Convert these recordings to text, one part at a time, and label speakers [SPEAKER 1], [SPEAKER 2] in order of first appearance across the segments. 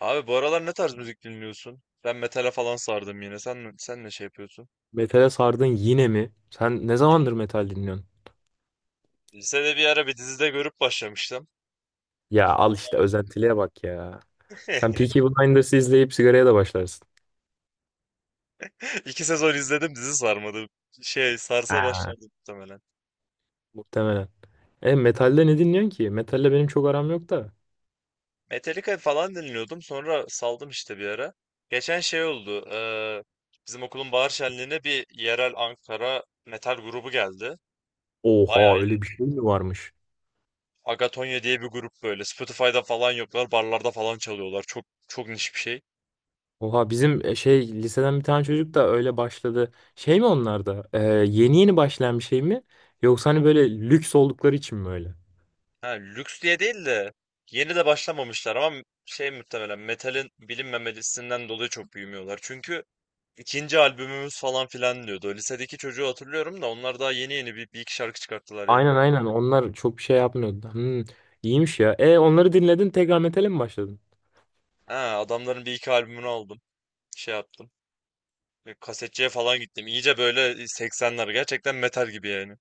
[SPEAKER 1] Abi bu aralar ne tarz müzik dinliyorsun? Ben metale falan sardım yine. Sen ne şey yapıyorsun?
[SPEAKER 2] Metale sardın yine mi? Sen ne zamandır metal dinliyorsun?
[SPEAKER 1] Lisede bir ara bir dizide görüp başlamıştım.
[SPEAKER 2] Ya
[SPEAKER 1] Son-
[SPEAKER 2] al işte özentiliğe bak ya. Sen Peaky Blinders'ı izleyip sigaraya da başlarsın.
[SPEAKER 1] İki sezon izledim, dizi sarmadı. Şey sarsa
[SPEAKER 2] Ha.
[SPEAKER 1] başlardı muhtemelen.
[SPEAKER 2] Muhtemelen. Metalde ne dinliyorsun ki? Metalle benim çok aram yok da.
[SPEAKER 1] Metallica falan dinliyordum. Sonra saldım işte bir ara. Geçen şey oldu. Bizim okulun bahar şenliğine bir yerel Ankara metal grubu geldi. Bayağı
[SPEAKER 2] Oha
[SPEAKER 1] iyi.
[SPEAKER 2] öyle bir şey mi varmış?
[SPEAKER 1] Agatonya diye bir grup böyle. Spotify'da falan yoklar. Barlarda falan çalıyorlar. Çok çok niş bir şey.
[SPEAKER 2] Oha bizim şey liseden bir tane çocuk da öyle başladı. Şey mi onlar da? Yeni yeni başlayan bir şey mi? Yoksa hani böyle lüks oldukları için mi öyle?
[SPEAKER 1] Ha, lüks diye değil de yeni de başlamamışlar, ama şey, muhtemelen metalin bilinmemesinden dolayı çok büyümüyorlar. Çünkü ikinci albümümüz falan filan diyordu. Lisedeki çocuğu hatırlıyorum da onlar daha yeni yeni bir iki şarkı çıkarttılar yani.
[SPEAKER 2] Aynen aynen onlar çok bir şey yapmıyordu. İyiymiş ya. Onları dinledin tekrar metale mi başladın?
[SPEAKER 1] Ha, adamların bir iki albümünü aldım. Şey yaptım. Böyle kasetçiye falan gittim. İyice böyle 80'ler, gerçekten metal gibi yani.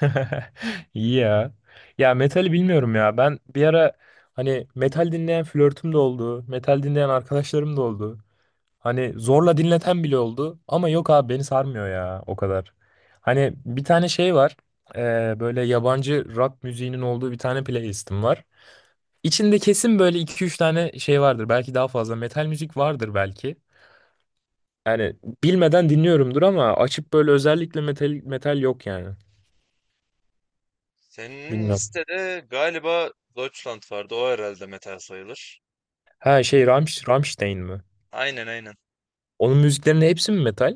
[SPEAKER 2] İyi ya. Ya metali bilmiyorum ya. Ben bir ara hani metal dinleyen flörtüm de oldu. Metal dinleyen arkadaşlarım da oldu. Hani zorla dinleten bile oldu. Ama yok abi beni sarmıyor ya o kadar. Hani bir tane şey var. Böyle yabancı rock müziğinin olduğu bir tane playlistim var. İçinde kesin böyle iki üç tane şey vardır. Belki daha fazla metal müzik vardır belki. Yani bilmeden dinliyorumdur ama açıp böyle özellikle metal metal yok yani.
[SPEAKER 1] Senin
[SPEAKER 2] Bilmiyorum.
[SPEAKER 1] listede galiba Deutschland vardı. O herhalde metal sayılır.
[SPEAKER 2] Ha şey Rammstein mi?
[SPEAKER 1] Aynen aynen.
[SPEAKER 2] Onun müziklerinin hepsi mi metal?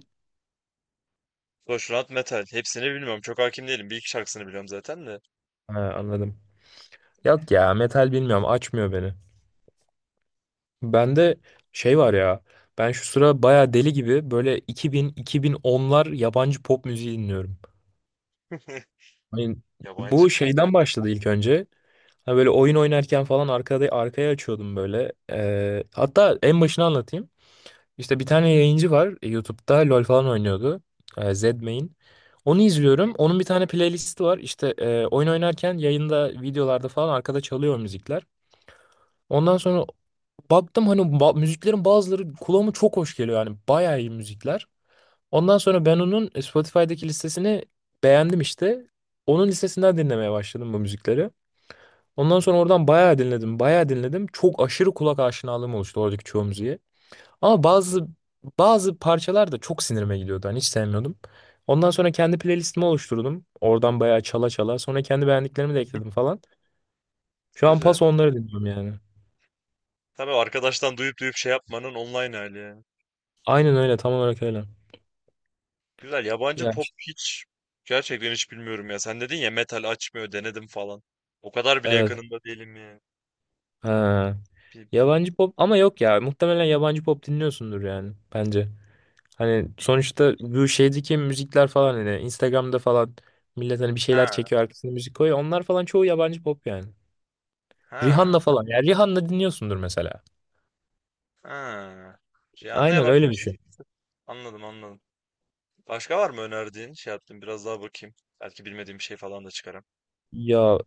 [SPEAKER 1] Deutschland metal. Hepsini bilmiyorum. Çok hakim değilim. Bir iki şarkısını biliyorum zaten de.
[SPEAKER 2] Ha, anladım. Yok ya metal bilmiyorum açmıyor beni. Bende şey var ya ben şu sıra baya deli gibi böyle 2000-2010'lar yabancı pop müziği dinliyorum. Hani
[SPEAKER 1] Yabancı
[SPEAKER 2] bu
[SPEAKER 1] pop
[SPEAKER 2] şeyden başladı ilk önce. Hani böyle oyun oynarken falan arkaya açıyordum böyle. Hatta en başını anlatayım. İşte bir tane yayıncı var YouTube'da LoL falan oynuyordu. Zedmain. Onu izliyorum. Onun bir tane playlisti var. İşte oyun oynarken yayında videolarda falan arkada çalıyor o müzikler. Ondan sonra baktım hani müziklerin bazıları kulağıma çok hoş geliyor. Yani bayağı iyi müzikler. Ondan sonra ben onun Spotify'daki listesini beğendim işte. Onun listesinden dinlemeye başladım bu müzikleri. Ondan sonra oradan bayağı dinledim, bayağı dinledim. Çok aşırı kulak aşinalığım oluştu oradaki çoğu müziğe. Ama bazı parçalar da çok sinirime gidiyordu. Hani hiç sevmiyordum. Ondan sonra kendi playlistimi oluşturdum. Oradan bayağı çala çala. Sonra kendi beğendiklerimi de ekledim falan. Şu an
[SPEAKER 1] güzel.
[SPEAKER 2] paso onları dinliyorum yani.
[SPEAKER 1] Tabii, arkadaştan duyup duyup şey yapmanın online hali ya.
[SPEAKER 2] Aynen öyle, tam olarak öyle.
[SPEAKER 1] Güzel. Yabancı
[SPEAKER 2] Ya
[SPEAKER 1] pop
[SPEAKER 2] işte,
[SPEAKER 1] hiç, gerçekten hiç bilmiyorum ya. Sen dedin ya, metal açmıyor, denedim falan. O kadar bile
[SPEAKER 2] evet.
[SPEAKER 1] yakınında değilim ya.
[SPEAKER 2] Ha.
[SPEAKER 1] Bir- bir-
[SPEAKER 2] Yabancı pop ama yok ya. Muhtemelen yabancı pop dinliyorsundur yani bence. Hani sonuçta bu şeydeki müzikler falan hani Instagram'da falan millet hani bir şeyler
[SPEAKER 1] ha
[SPEAKER 2] çekiyor arkasına müzik koyuyor. Onlar falan çoğu yabancı pop yani.
[SPEAKER 1] ha
[SPEAKER 2] Rihanna falan. Ya Rihanna dinliyorsundur mesela.
[SPEAKER 1] ha. Şey anlaya
[SPEAKER 2] Aynen öyle bir
[SPEAKER 1] bakmıştım.
[SPEAKER 2] şey.
[SPEAKER 1] Anladım anladım. Başka var mı önerdiğin? Şey yaptım, biraz daha bakayım. Belki bilmediğim bir şey falan da çıkarım.
[SPEAKER 2] Ya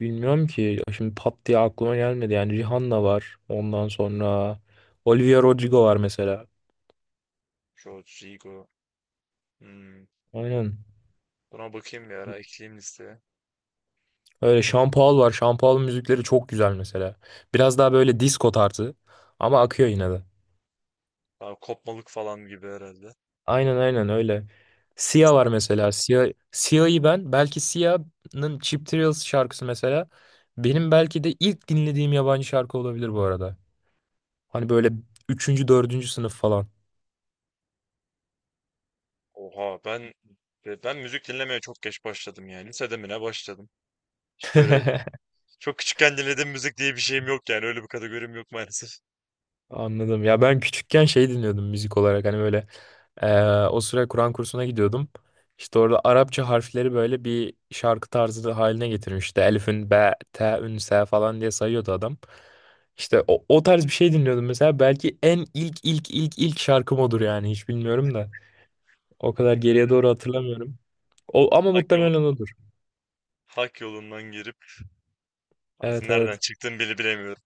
[SPEAKER 2] bilmiyorum ki. Ya şimdi pat diye aklıma gelmedi. Yani Rihanna var. Ondan sonra Olivia Rodrigo var mesela.
[SPEAKER 1] Rodrigo. Hmm.
[SPEAKER 2] Aynen.
[SPEAKER 1] Buna bakayım, bir ara ekleyeyim listeye.
[SPEAKER 2] Öyle Sean Paul var. Sean Paul'un müzikleri çok güzel mesela. Biraz daha böyle disco tarzı. Ama akıyor yine de.
[SPEAKER 1] Daha kopmalık falan gibi herhalde.
[SPEAKER 2] Aynen aynen öyle. Sia var mesela. Sia'yı ben belki Sia'nın Cheap Thrills şarkısı mesela benim belki de ilk dinlediğim yabancı şarkı olabilir bu arada. Hani böyle üçüncü, dördüncü sınıf falan.
[SPEAKER 1] Oha, ben müzik dinlemeye çok geç başladım yani. Lisede mi ne başladım. İşte öyle, çok küçükken dinlediğim müzik diye bir şeyim yok yani. Öyle bir kategorim yok maalesef.
[SPEAKER 2] Anladım. Ya ben küçükken şey dinliyordum müzik olarak hani böyle o süre Kur'an kursuna gidiyordum. İşte orada Arapça harfleri böyle bir şarkı tarzı da haline getirmişti. Elif'ün be, te'ün, se falan diye sayıyordu adam. İşte o tarz bir şey dinliyordum mesela. Belki en ilk ilk ilk ilk şarkım odur yani hiç bilmiyorum da. O kadar
[SPEAKER 1] Ee,
[SPEAKER 2] geriye doğru hatırlamıyorum. O, ama
[SPEAKER 1] hak yolu,
[SPEAKER 2] muhtemelen odur.
[SPEAKER 1] hak yolundan girip artık
[SPEAKER 2] Evet
[SPEAKER 1] nereden
[SPEAKER 2] evet.
[SPEAKER 1] çıktığımı bile bilemiyorum.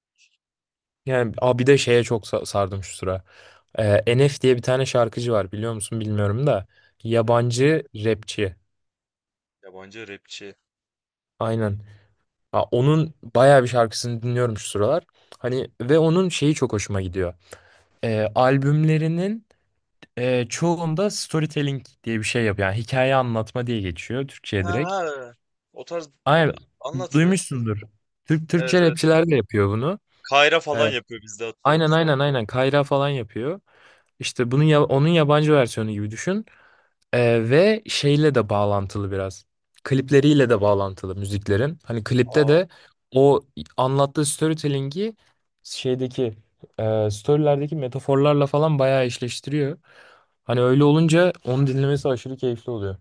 [SPEAKER 2] Yani abi bir de şeye çok sardım şu sıra. NF diye bir tane şarkıcı var biliyor musun bilmiyorum da.
[SPEAKER 1] Ee,
[SPEAKER 2] Yabancı rapçi.
[SPEAKER 1] Yabancı rapçi.
[SPEAKER 2] Aynen. Ha, onun bayağı bir şarkısını dinliyorum şu sıralar. Hani ve onun şeyi çok hoşuma gidiyor. Albümlerinin çoğunda storytelling diye bir şey yapıyor. Yani hikaye anlatma diye geçiyor Türkçe'ye
[SPEAKER 1] Ha
[SPEAKER 2] direkt.
[SPEAKER 1] ha. O tarz,
[SPEAKER 2] Aynen
[SPEAKER 1] anlat be.
[SPEAKER 2] duymuşsundur. Türkçe
[SPEAKER 1] Evet evet.
[SPEAKER 2] rapçiler de yapıyor bunu.
[SPEAKER 1] Kayra falan
[SPEAKER 2] Ee,
[SPEAKER 1] yapıyor bizde hatta.
[SPEAKER 2] aynen aynen aynen Kayra falan yapıyor. İşte bunun onun yabancı versiyonu gibi düşün. Ve şeyle de bağlantılı biraz. Klipleriyle de bağlantılı müziklerin. Hani klipte
[SPEAKER 1] Aa.
[SPEAKER 2] de o anlattığı storytelling'i şeydeki storylerdeki metaforlarla falan bayağı eşleştiriyor. Hani öyle olunca onu dinlemesi aşırı keyifli oluyor.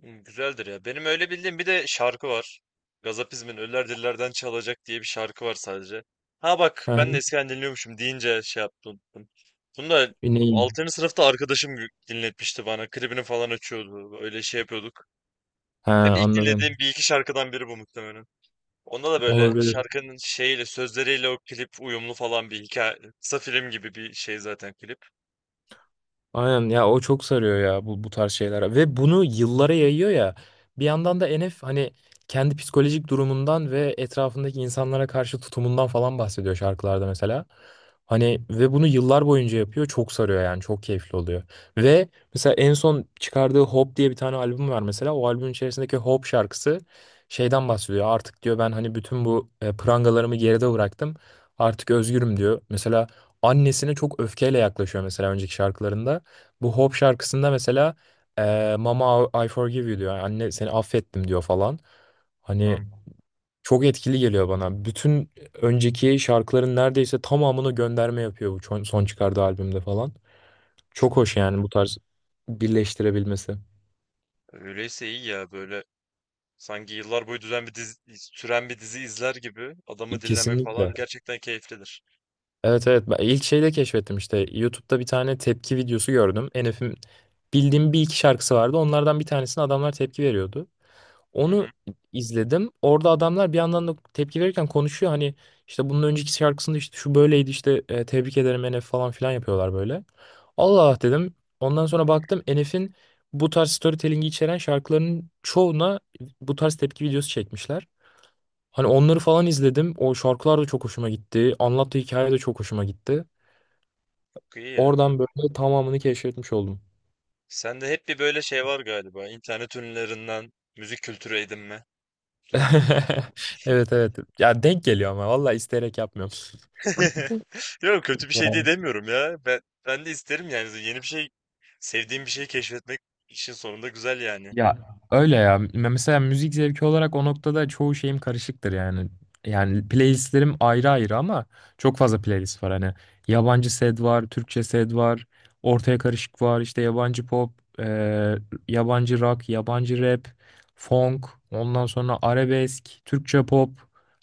[SPEAKER 1] Güzeldir ya. Benim öyle bildiğim bir de şarkı var. Gazapizm'in Ölüler Dillerden Çalacak diye bir şarkı var sadece. Ha bak,
[SPEAKER 2] Hı
[SPEAKER 1] ben de
[SPEAKER 2] hı.
[SPEAKER 1] eskiden dinliyormuşum deyince şey yaptım, unuttum. Bunu da
[SPEAKER 2] Yine iyi.
[SPEAKER 1] 6. sınıfta arkadaşım dinletmişti bana. Klibini falan açıyordu. Öyle şey yapıyorduk.
[SPEAKER 2] Ha,
[SPEAKER 1] Benim ilk dinlediğim
[SPEAKER 2] anladım.
[SPEAKER 1] bir iki şarkıdan biri bu muhtemelen. Onda da böyle
[SPEAKER 2] Olabilir.
[SPEAKER 1] şarkının şeyiyle, sözleriyle o klip uyumlu falan, bir hikaye. Kısa film gibi bir şey zaten klip.
[SPEAKER 2] Aynen ya o çok sarıyor ya bu tarz şeyler ve bunu yıllara yayıyor ya bir yandan da Enef hani kendi psikolojik durumundan ve etrafındaki insanlara karşı tutumundan falan bahsediyor şarkılarda mesela. Hani ve bunu yıllar boyunca yapıyor çok sarıyor yani çok keyifli oluyor. Ve mesela en son çıkardığı Hope diye bir tane albüm var mesela o albümün içerisindeki Hope şarkısı şeyden bahsediyor artık diyor ben hani bütün bu prangalarımı geride bıraktım artık özgürüm diyor. Mesela annesine çok öfkeyle yaklaşıyor mesela önceki şarkılarında. Bu Hope şarkısında mesela Mama I forgive you diyor. Yani anne seni affettim diyor falan. Hani
[SPEAKER 1] Tamam.
[SPEAKER 2] çok etkili geliyor bana. Bütün önceki şarkıların neredeyse tamamını gönderme yapıyor bu son çıkardığı albümde falan.
[SPEAKER 1] Çok
[SPEAKER 2] Çok hoş yani bu tarz birleştirebilmesi.
[SPEAKER 1] öyleyse iyi ya böyle. Sanki yıllar boyu süren bir dizi izler gibi adamı dinlemek falan
[SPEAKER 2] Kesinlikle.
[SPEAKER 1] gerçekten keyiflidir.
[SPEAKER 2] Evet evet. Ben ilk şeyde keşfettim işte. YouTube'da bir tane tepki videosu gördüm. Enef'in bildiğim bir iki şarkısı vardı. Onlardan bir tanesine adamlar tepki veriyordu.
[SPEAKER 1] Hı
[SPEAKER 2] Onu
[SPEAKER 1] hı.
[SPEAKER 2] izledim. Orada adamlar bir yandan da tepki verirken konuşuyor. Hani işte bunun önceki şarkısında işte şu böyleydi işte tebrik ederim Enef falan filan yapıyorlar böyle. Allah Allah dedim. Ondan sonra baktım Enef'in bu tarz storytelling'i içeren şarkılarının çoğuna bu tarz tepki videosu çekmişler. Hani onları falan izledim. O şarkılar da çok hoşuma gitti. Anlattığı hikaye de çok hoşuma gitti.
[SPEAKER 1] İyi ya. Bu.
[SPEAKER 2] Oradan böyle tamamını keşfetmiş oldum.
[SPEAKER 1] Sende hep bir böyle şey var galiba. İnternet ünlülerinden müzik kültürü edinme durumu.
[SPEAKER 2] Evet evet. Ya denk geliyor ama vallahi isteyerek yapmıyorum.
[SPEAKER 1] Yok, kötü bir şey diye demiyorum ya. Ben de isterim yani, yeni bir şey, sevdiğim bir şeyi keşfetmek işin sonunda güzel yani.
[SPEAKER 2] Ya öyle ya. Mesela müzik zevki olarak o noktada çoğu şeyim karışıktır yani. Yani playlistlerim ayrı ayrı ama çok fazla playlist var hani. Yabancı sed var, Türkçe sed var, ortaya karışık var, işte yabancı pop, eee, yabancı rock, yabancı rap, funk, ondan sonra arabesk, Türkçe pop.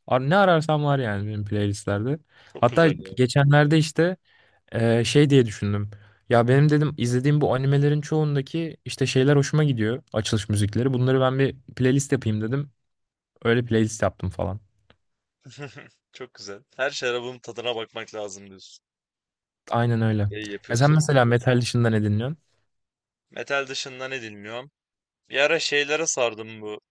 [SPEAKER 2] Ne ararsam var yani benim playlistlerde.
[SPEAKER 1] Çok
[SPEAKER 2] Hatta
[SPEAKER 1] güzel ya.
[SPEAKER 2] geçenlerde işte şey diye düşündüm. Ya benim dedim izlediğim bu animelerin çoğundaki işte şeyler hoşuma gidiyor. Açılış müzikleri. Bunları ben bir playlist yapayım dedim. Öyle playlist yaptım falan.
[SPEAKER 1] Çok güzel. Her şarabın tadına bakmak lazım diyorsun.
[SPEAKER 2] Aynen öyle.
[SPEAKER 1] İyi
[SPEAKER 2] Ya sen
[SPEAKER 1] yapıyorsun.
[SPEAKER 2] mesela metal dışında ne dinliyorsun?
[SPEAKER 1] Metal dışında ne dinliyorum? Bir ara şeylere sardım bu.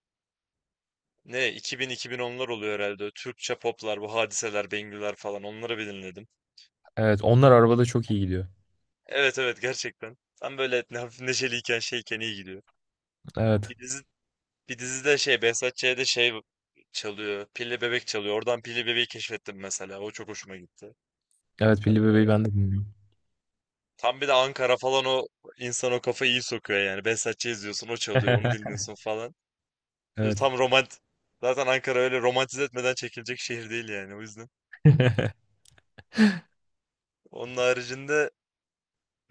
[SPEAKER 1] Ne, 2000-2010'lar oluyor herhalde. Türkçe poplar, bu hadiseler, Bengüler falan, onları bir dinledim.
[SPEAKER 2] Evet onlar arabada çok iyi gidiyor.
[SPEAKER 1] Evet evet, gerçekten. Tam böyle hafif neşeliyken, şeyken iyi gidiyor.
[SPEAKER 2] Evet.
[SPEAKER 1] Bir dizi bir dizide şey, Behzat Ç'de şey çalıyor. Pilli Bebek çalıyor. Oradan Pilli Bebek'i keşfettim mesela. O çok hoşuma gitti.
[SPEAKER 2] Evet Pilli Bebeği ben de dinliyorum.
[SPEAKER 1] Tam bir de Ankara falan, o insan o kafayı iyi sokuyor yani. Behzat Ç izliyorsun, o çalıyor, onu dinliyorsun falan. Böyle
[SPEAKER 2] Evet.
[SPEAKER 1] tam romant. Zaten Ankara öyle romantize etmeden çekilecek şehir değil yani, o yüzden. Onun haricinde,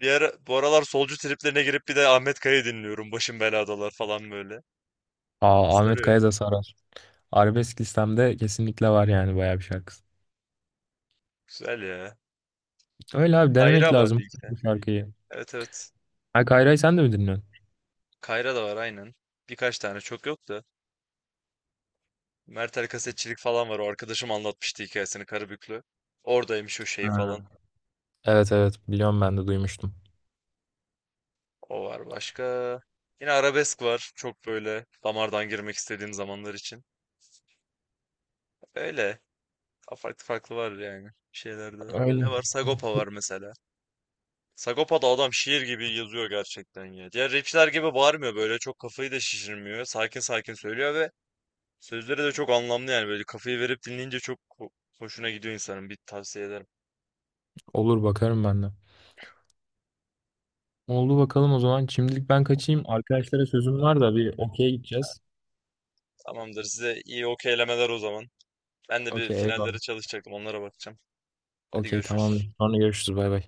[SPEAKER 1] Bu aralar solcu triplerine girip bir de Ahmet Kaya'yı dinliyorum. Başım beladalar falan böyle.
[SPEAKER 2] Aa, Ahmet
[SPEAKER 1] Sarıyor.
[SPEAKER 2] Kaya da sarar. Arabesk listemde kesinlikle var yani bayağı bir şarkısı.
[SPEAKER 1] Güzel ya.
[SPEAKER 2] Öyle abi denemek
[SPEAKER 1] Kayra var bir
[SPEAKER 2] lazım
[SPEAKER 1] iki tane.
[SPEAKER 2] bu şarkıyı.
[SPEAKER 1] Evet evet.
[SPEAKER 2] Ha Kayra'yı sen de mi dinliyorsun?
[SPEAKER 1] Kayra da var aynen. Birkaç tane, çok yok da. Mertel kasetçilik falan var. O, arkadaşım anlatmıştı hikayesini, Karabüklü. Oradaymış o şey
[SPEAKER 2] Ha.
[SPEAKER 1] falan.
[SPEAKER 2] Evet evet biliyorum ben de duymuştum.
[SPEAKER 1] O var başka. Yine arabesk var. Çok böyle damardan girmek istediğim zamanlar için. Öyle. Farklı farklı var yani şeylerde. Ne
[SPEAKER 2] Öyle.
[SPEAKER 1] var? Sagopa var mesela. Sagopa'da adam şiir gibi yazıyor gerçekten ya. Diğer rapçiler gibi bağırmıyor, böyle çok kafayı da şişirmiyor. Sakin sakin söylüyor ve sözleri de çok anlamlı yani, böyle kafayı verip dinleyince çok hoşuna gidiyor insanın. Bir tavsiye ederim.
[SPEAKER 2] Olur bakarım ben de. Oldu bakalım o zaman. Şimdilik ben
[SPEAKER 1] O
[SPEAKER 2] kaçayım.
[SPEAKER 1] zaman
[SPEAKER 2] Arkadaşlara sözüm var da bir okey'e gideceğiz.
[SPEAKER 1] tamamdır, size iyi okeylemeler o zaman. Ben de bir
[SPEAKER 2] Okey
[SPEAKER 1] finallere
[SPEAKER 2] eyvallah.
[SPEAKER 1] çalışacaktım, onlara bakacağım. Hadi
[SPEAKER 2] Okey
[SPEAKER 1] görüşürüz.
[SPEAKER 2] tamamdır. Sonra görüşürüz bay bay.